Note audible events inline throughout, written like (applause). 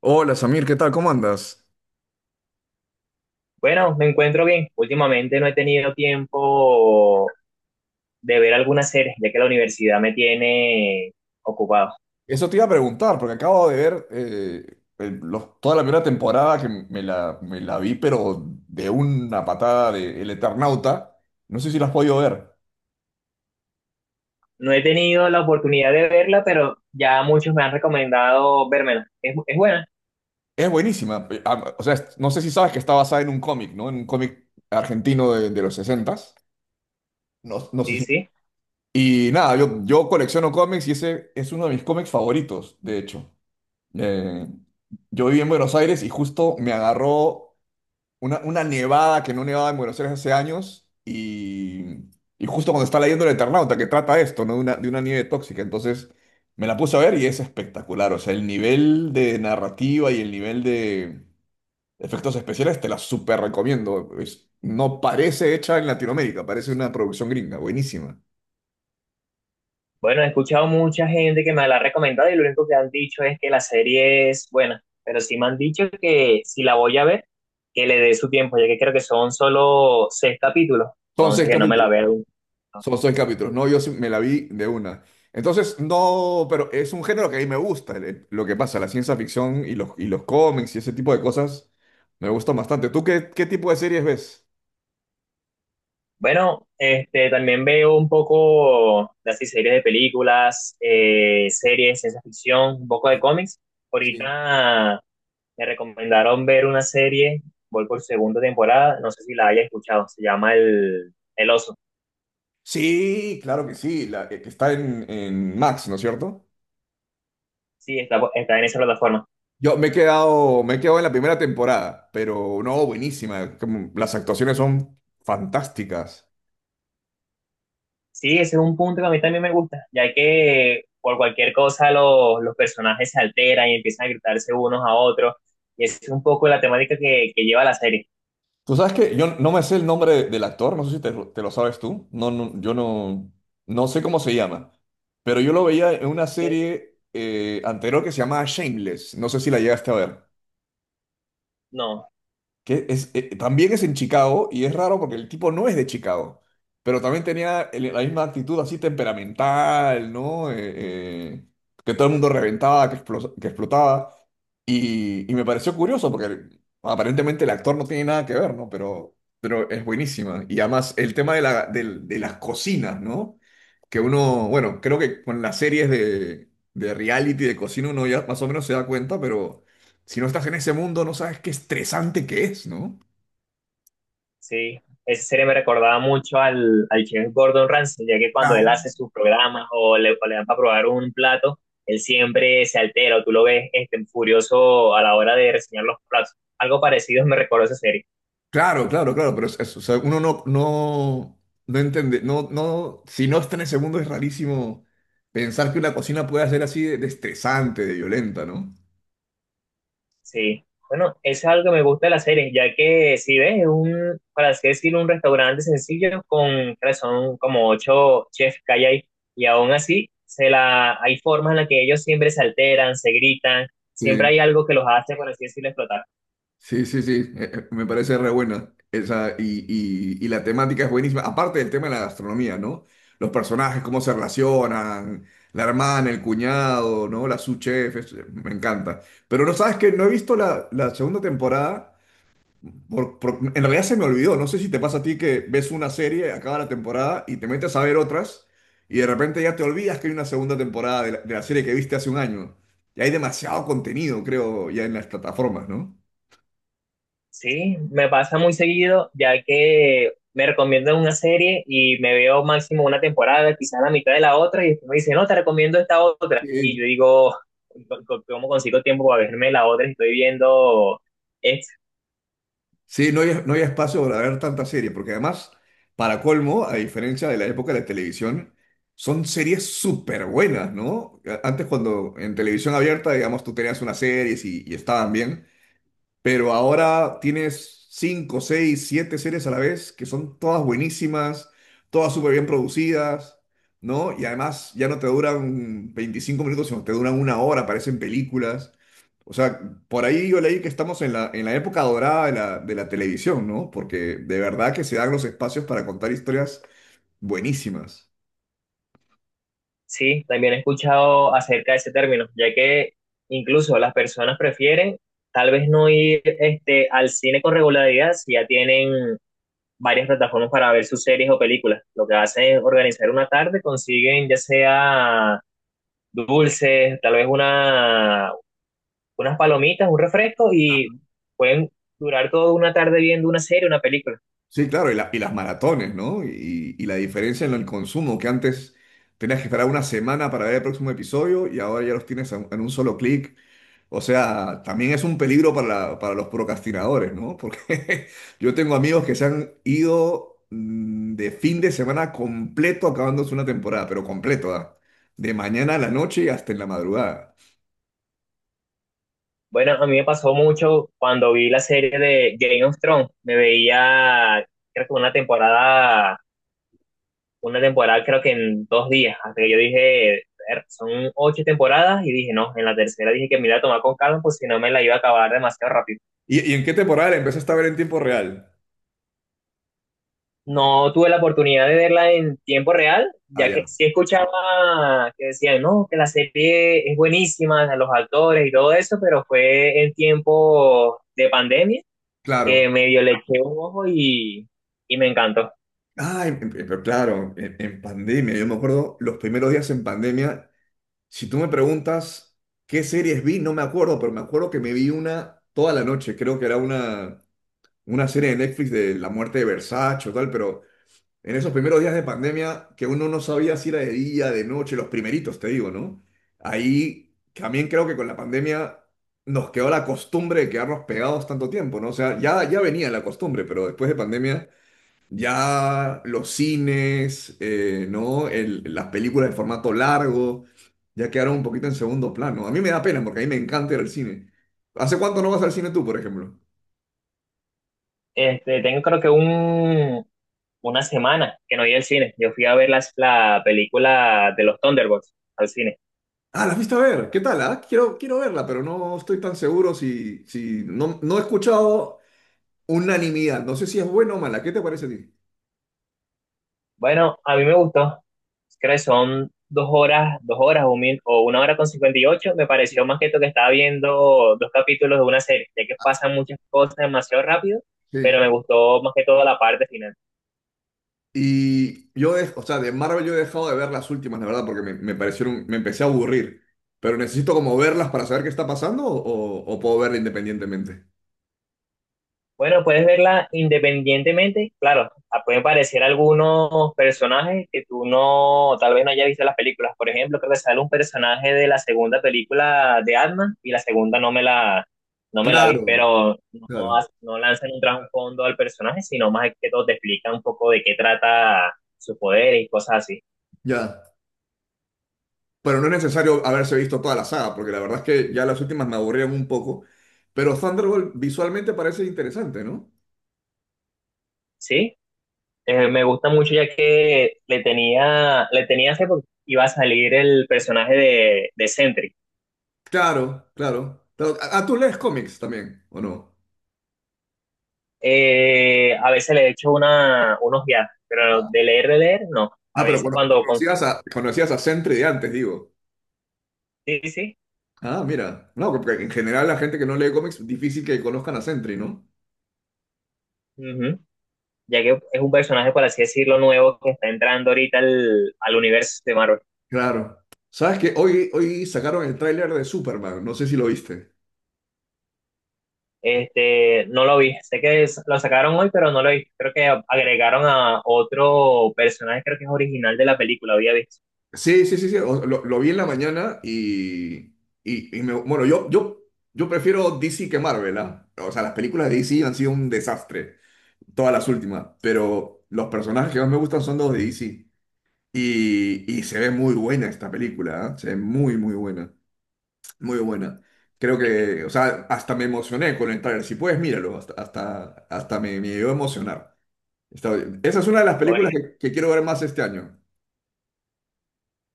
Hola Samir, ¿qué tal? ¿Cómo andas? Bueno, me encuentro bien. Últimamente no he tenido tiempo de ver algunas series, ya que la universidad me tiene ocupado. Eso te iba a preguntar, porque acabo de ver toda la primera temporada que me la vi, pero de una patada de El Eternauta. No sé si la has podido ver. No he tenido la oportunidad de verla, pero ya muchos me han recomendado vérmela. Es buena, Es buenísima. O sea, no sé si sabes que está basada en un cómic, ¿no? En un cómic argentino de los sesentas. No, no sé sí, si. sí. Y nada, yo colecciono cómics y ese es uno de mis cómics favoritos, de hecho. Eh, yo viví en Buenos Aires y justo me agarró una nevada que no nevaba en Buenos Aires hace años y justo cuando está leyendo El Eternauta, que trata esto, ¿no? De de una nieve tóxica. Entonces me la puse a ver y es espectacular. O sea, el nivel de narrativa y el nivel de efectos especiales, te la súper recomiendo. No parece hecha en Latinoamérica, parece una producción gringa, buenísima. Bueno, he escuchado mucha gente que me la ha recomendado y lo único que han dicho es que la serie es buena, pero sí me han dicho que si la voy a ver, que le dé su tiempo, ya que creo que son solo 6 capítulos, Son seis entonces que no me la capítulos. vea Son seis capítulos. No, yo sí me la vi de una. Entonces, no, pero es un género que a mí me gusta. Lo que pasa, la ciencia ficción y los cómics y ese tipo de cosas me gustan bastante. ¿Tú qué, qué tipo de series ves? Bueno, este, también veo un poco de así series de películas, series, ciencia ficción, un poco de cómics. Sí. Ahorita me recomendaron ver una serie, voy por segunda temporada, no sé si la haya escuchado, se llama el Oso. Sí, claro que sí, la que está en Max, ¿no es cierto? Sí, está en esa plataforma. Yo me he quedado en la primera temporada, pero no, buenísima. Las actuaciones son fantásticas. Sí, ese es un punto que a mí también me gusta, ya que por cualquier cosa los personajes se alteran y empiezan a gritarse unos a otros, y esa es un poco la temática que lleva la serie. Tú sabes que yo no me sé el nombre del actor, no sé si te, lo te lo sabes tú. No, no, yo no, no sé cómo se llama. Pero yo lo veía en una serie anterior que se llamaba Shameless. No sé si la llegaste a ver, No, que es, también es en Chicago y es raro porque el tipo no es de Chicago, pero también tenía la misma actitud así temperamental, ¿no? Eh, que todo el mundo reventaba, que explotaba. Y me pareció curioso porque aparentemente el actor no tiene nada que ver, ¿no? Pero es buenísima. Y además el tema de las cocinas, ¿no? Que uno, bueno, creo que con las series de reality, de cocina, uno ya más o menos se da cuenta, pero si no estás en ese mundo, no sabes qué estresante que es, ¿no? sí, esa serie me recordaba mucho al chef Gordon Ramsay, ya que cuando Claro. él hace sus programas o le dan para probar un plato, él siempre se altera o tú lo ves este, furioso a la hora de reseñar los platos. Algo parecido me recordó esa serie. Claro, claro, claro, pero o sea, uno no, no, no entiende, no, no, si no está en ese mundo es rarísimo pensar que una cocina pueda ser así de estresante, de violenta, ¿no? Sí, bueno, eso es algo que me gusta de la serie, ya que si ves, es un, para así decirlo, un restaurante sencillo con, creo que son como 8 chefs que hay ahí, y aún así se la, hay formas en las que ellos siempre se alteran, se gritan, siempre Sí. hay algo que los hace, por así decirlo, explotar. Sí, sí, sí, me parece re buena esa, y la temática es buenísima, aparte del tema de la gastronomía, ¿no? Los personajes, cómo se relacionan, la hermana, el cuñado, ¿no? La sous chef, me encanta. Pero no sabes que no he visto la segunda temporada, en realidad se me olvidó, no sé si te pasa a ti que ves una serie, acaba la temporada y te metes a ver otras y de repente ya te olvidas que hay una segunda temporada de de la serie que viste hace un año. Y hay demasiado contenido, creo, ya en las plataformas, ¿no? Sí, me pasa muy seguido, ya que me recomiendan una serie y me veo máximo una temporada, quizás la mitad de la otra, y después me dicen, no, te recomiendo esta otra. Y yo Sí. digo, "Co- ¿cómo consigo tiempo para verme la otra si estoy viendo esta? Sí, no hay espacio para ver tantas series, porque además, para colmo, a diferencia de la época de la televisión, son series súper buenas, ¿no? Antes cuando en televisión abierta, digamos, tú tenías unas series y estaban bien, pero ahora tienes cinco, seis, siete series a la vez que son todas buenísimas, todas súper bien producidas, ¿no? Y además ya no te duran 25 minutos, sino te duran una hora, parecen películas. O sea, por ahí yo leí que estamos en en la época dorada de de la televisión, ¿no? Porque de verdad que se dan los espacios para contar historias buenísimas. Sí, también he escuchado acerca de ese término, ya que incluso las personas prefieren tal vez no ir este, al cine con regularidad si ya tienen varias plataformas para ver sus series o películas. Lo que hacen es organizar una tarde, consiguen ya sea dulces, tal vez una, unas palomitas, un refresco y pueden durar toda una tarde viendo una serie, una película. Sí, claro, y, y las maratones, ¿no? Y la diferencia en el consumo, que antes tenías que esperar una semana para ver el próximo episodio y ahora ya los tienes en un solo clic. O sea, también es un peligro para, para los procrastinadores, ¿no? Porque (laughs) yo tengo amigos que se han ido de fin de semana completo acabándose una temporada, pero completo, ¿ah? De mañana a la noche y hasta en la madrugada. Bueno, a mí me pasó mucho cuando vi la serie de Game of Thrones. Me veía, creo que una temporada creo que en 2 días. Hasta que yo dije, "Ver, son 8 temporadas y dije, no, en la tercera dije que me iba a tomar con calma, pues si no me la iba a acabar demasiado rápido. Y en qué temporada la empezaste a ver en tiempo real? No tuve la oportunidad de verla en tiempo real, Ah, ya que ya, sí escuchaba que decían, no, que la serie es buenísima, a los actores y todo eso, pero fue en tiempo de pandemia que claro. medio le eché un ojo y me encantó. Ah, pero claro, en pandemia, yo me acuerdo los primeros días en pandemia, si tú me preguntas qué series vi, no me acuerdo, pero me acuerdo que me vi una toda la noche, creo que era una serie de Netflix de la muerte de Versace o tal, pero en esos primeros días de pandemia, que uno no sabía si era de día, de noche, los primeritos, te digo, ¿no? Ahí también creo que con la pandemia nos quedó la costumbre de quedarnos pegados tanto tiempo, ¿no? O sea, ya, ya venía la costumbre, pero después de pandemia ya los cines, ¿no? Las películas de formato largo ya quedaron un poquito en segundo plano. A mí me da pena porque a mí me encanta ir al cine. ¿Hace cuánto no vas al cine tú, por ejemplo? Este, tengo creo que un, una semana que no iba al cine. Yo fui a ver la película de los Thunderbolts al cine. Ah, la fuiste a ver. ¿Qué tal? ¿Ah? Quiero, quiero verla, pero no estoy tan seguro si, si no, no he escuchado unanimidad. No sé si es buena o mala. ¿Qué te parece a ti? Bueno, a mí me gustó. Creo que son dos horas o, o 1 hora con 58. Me pareció Sí. más que todo que estaba viendo dos capítulos de una serie, ya que pasan muchas cosas demasiado rápido, pero Sí. me gustó más que todo la parte final. Y yo, o sea, de Marvel yo he dejado de ver las últimas, la verdad, porque me parecieron, me empecé a aburrir. Pero necesito como verlas para saber qué está pasando o puedo verla independientemente. Bueno, puedes verla independientemente. Claro, ah, pueden aparecer algunos personajes que tú no, tal vez no hayas visto en las películas. Por ejemplo, creo que sale un personaje de la segunda película de Ant-Man y la segunda no me la vi, Claro, pero no, claro, no lanzan un trasfondo al personaje, sino más que todo te explican un poco de qué trata su poder y cosas así. ya. Pero no es necesario haberse visto toda la saga, porque la verdad es que ya las últimas me aburrieron un poco. Pero Thunderbolt visualmente parece interesante, ¿no? Sí, me gusta mucho ya que le tenía hace poco, iba a salir el personaje de Sentry. Claro, claro, claro. Ah, ah, tú lees cómics también, ¿o no? A veces le echo una, unos viajes, pero de leer, no. Ah, A pero veces cuando conocías consigo. a, conocías a Sentry de antes, digo. Sí, sí, sí, Ah, mira. No, porque en general la gente que no lee cómics, difícil que conozcan a Sentry, ¿no? ujú. Ya que es un personaje, por así decirlo, nuevo que está entrando ahorita al universo de Marvel. Claro. ¿Sabes que hoy, hoy sacaron el tráiler de Superman? No sé si lo viste. Este, no lo vi. Sé que lo sacaron hoy, pero no lo vi. Creo que agregaron a otro personaje, creo que es original de la película, había visto. Sí, sí, sí, sí. Lo vi en la mañana y bueno, yo prefiero DC que Marvel, ¿ah? O sea, las películas de DC han sido un desastre, todas las últimas, pero los personajes que más me gustan son los de DC. Y se ve muy buena esta película, ¿ah? Se ve muy, muy buena. Muy buena. Creo que, o sea, hasta me emocioné con el tráiler. Si puedes, míralo. Hasta, hasta, hasta me, me llegó a emocionar. Está bien, esa es una de las películas Sí, que quiero ver más este año.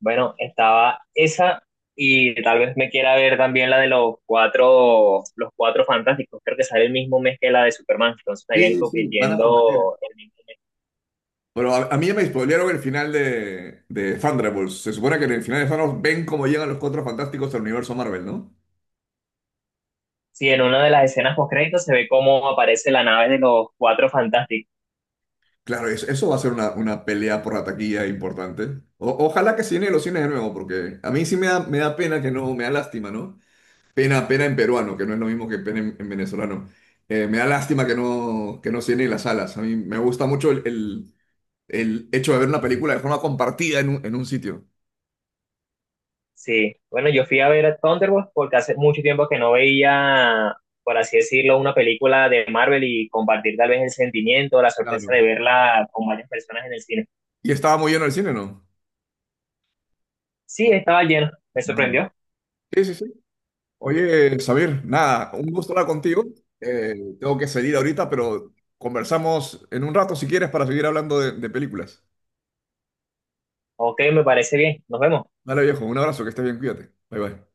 bueno, estaba esa y tal vez me quiera ver también la de los cuatro fantásticos. Creo que sale el mismo mes que la de Superman, entonces estarían Sí, sí, van a competir. compitiendo el mismo. Pero a mí ya me spoilearon el final de Thunderbolts. Se supone que en el final de Thanos ven cómo llegan los Cuatro Fantásticos al universo Marvel, ¿no? Sí, en una de las escenas post créditos se ve cómo aparece la nave de los cuatro fantásticos. Claro, eso va a ser una pelea por la taquilla importante. Ojalá que se llene los cines de nuevo, porque a mí sí me da pena que no, me da lástima, ¿no? Pena, pena en peruano, que no es lo mismo que pena en venezolano. Me da lástima que no se las salas. A mí me gusta mucho el hecho de ver una película de forma compartida en un sitio. Sí, bueno, yo fui a ver a Thunderbolts porque hace mucho tiempo que no veía, por así decirlo, una película de Marvel y compartir tal vez el sentimiento, la Claro. sorpresa de verla con varias personas en el cine. Y estaba muy lleno el cine, ¿no? Sí, estaba lleno, me No. sorprendió. Sí, sí, sí. Oye, Xavier, nada, un gusto hablar contigo. Eh, tengo que salir ahorita, pero conversamos en un rato si quieres para seguir hablando de películas. Ok, me parece bien, nos vemos. Dale, viejo, un abrazo, que estés bien, cuídate. Bye, bye.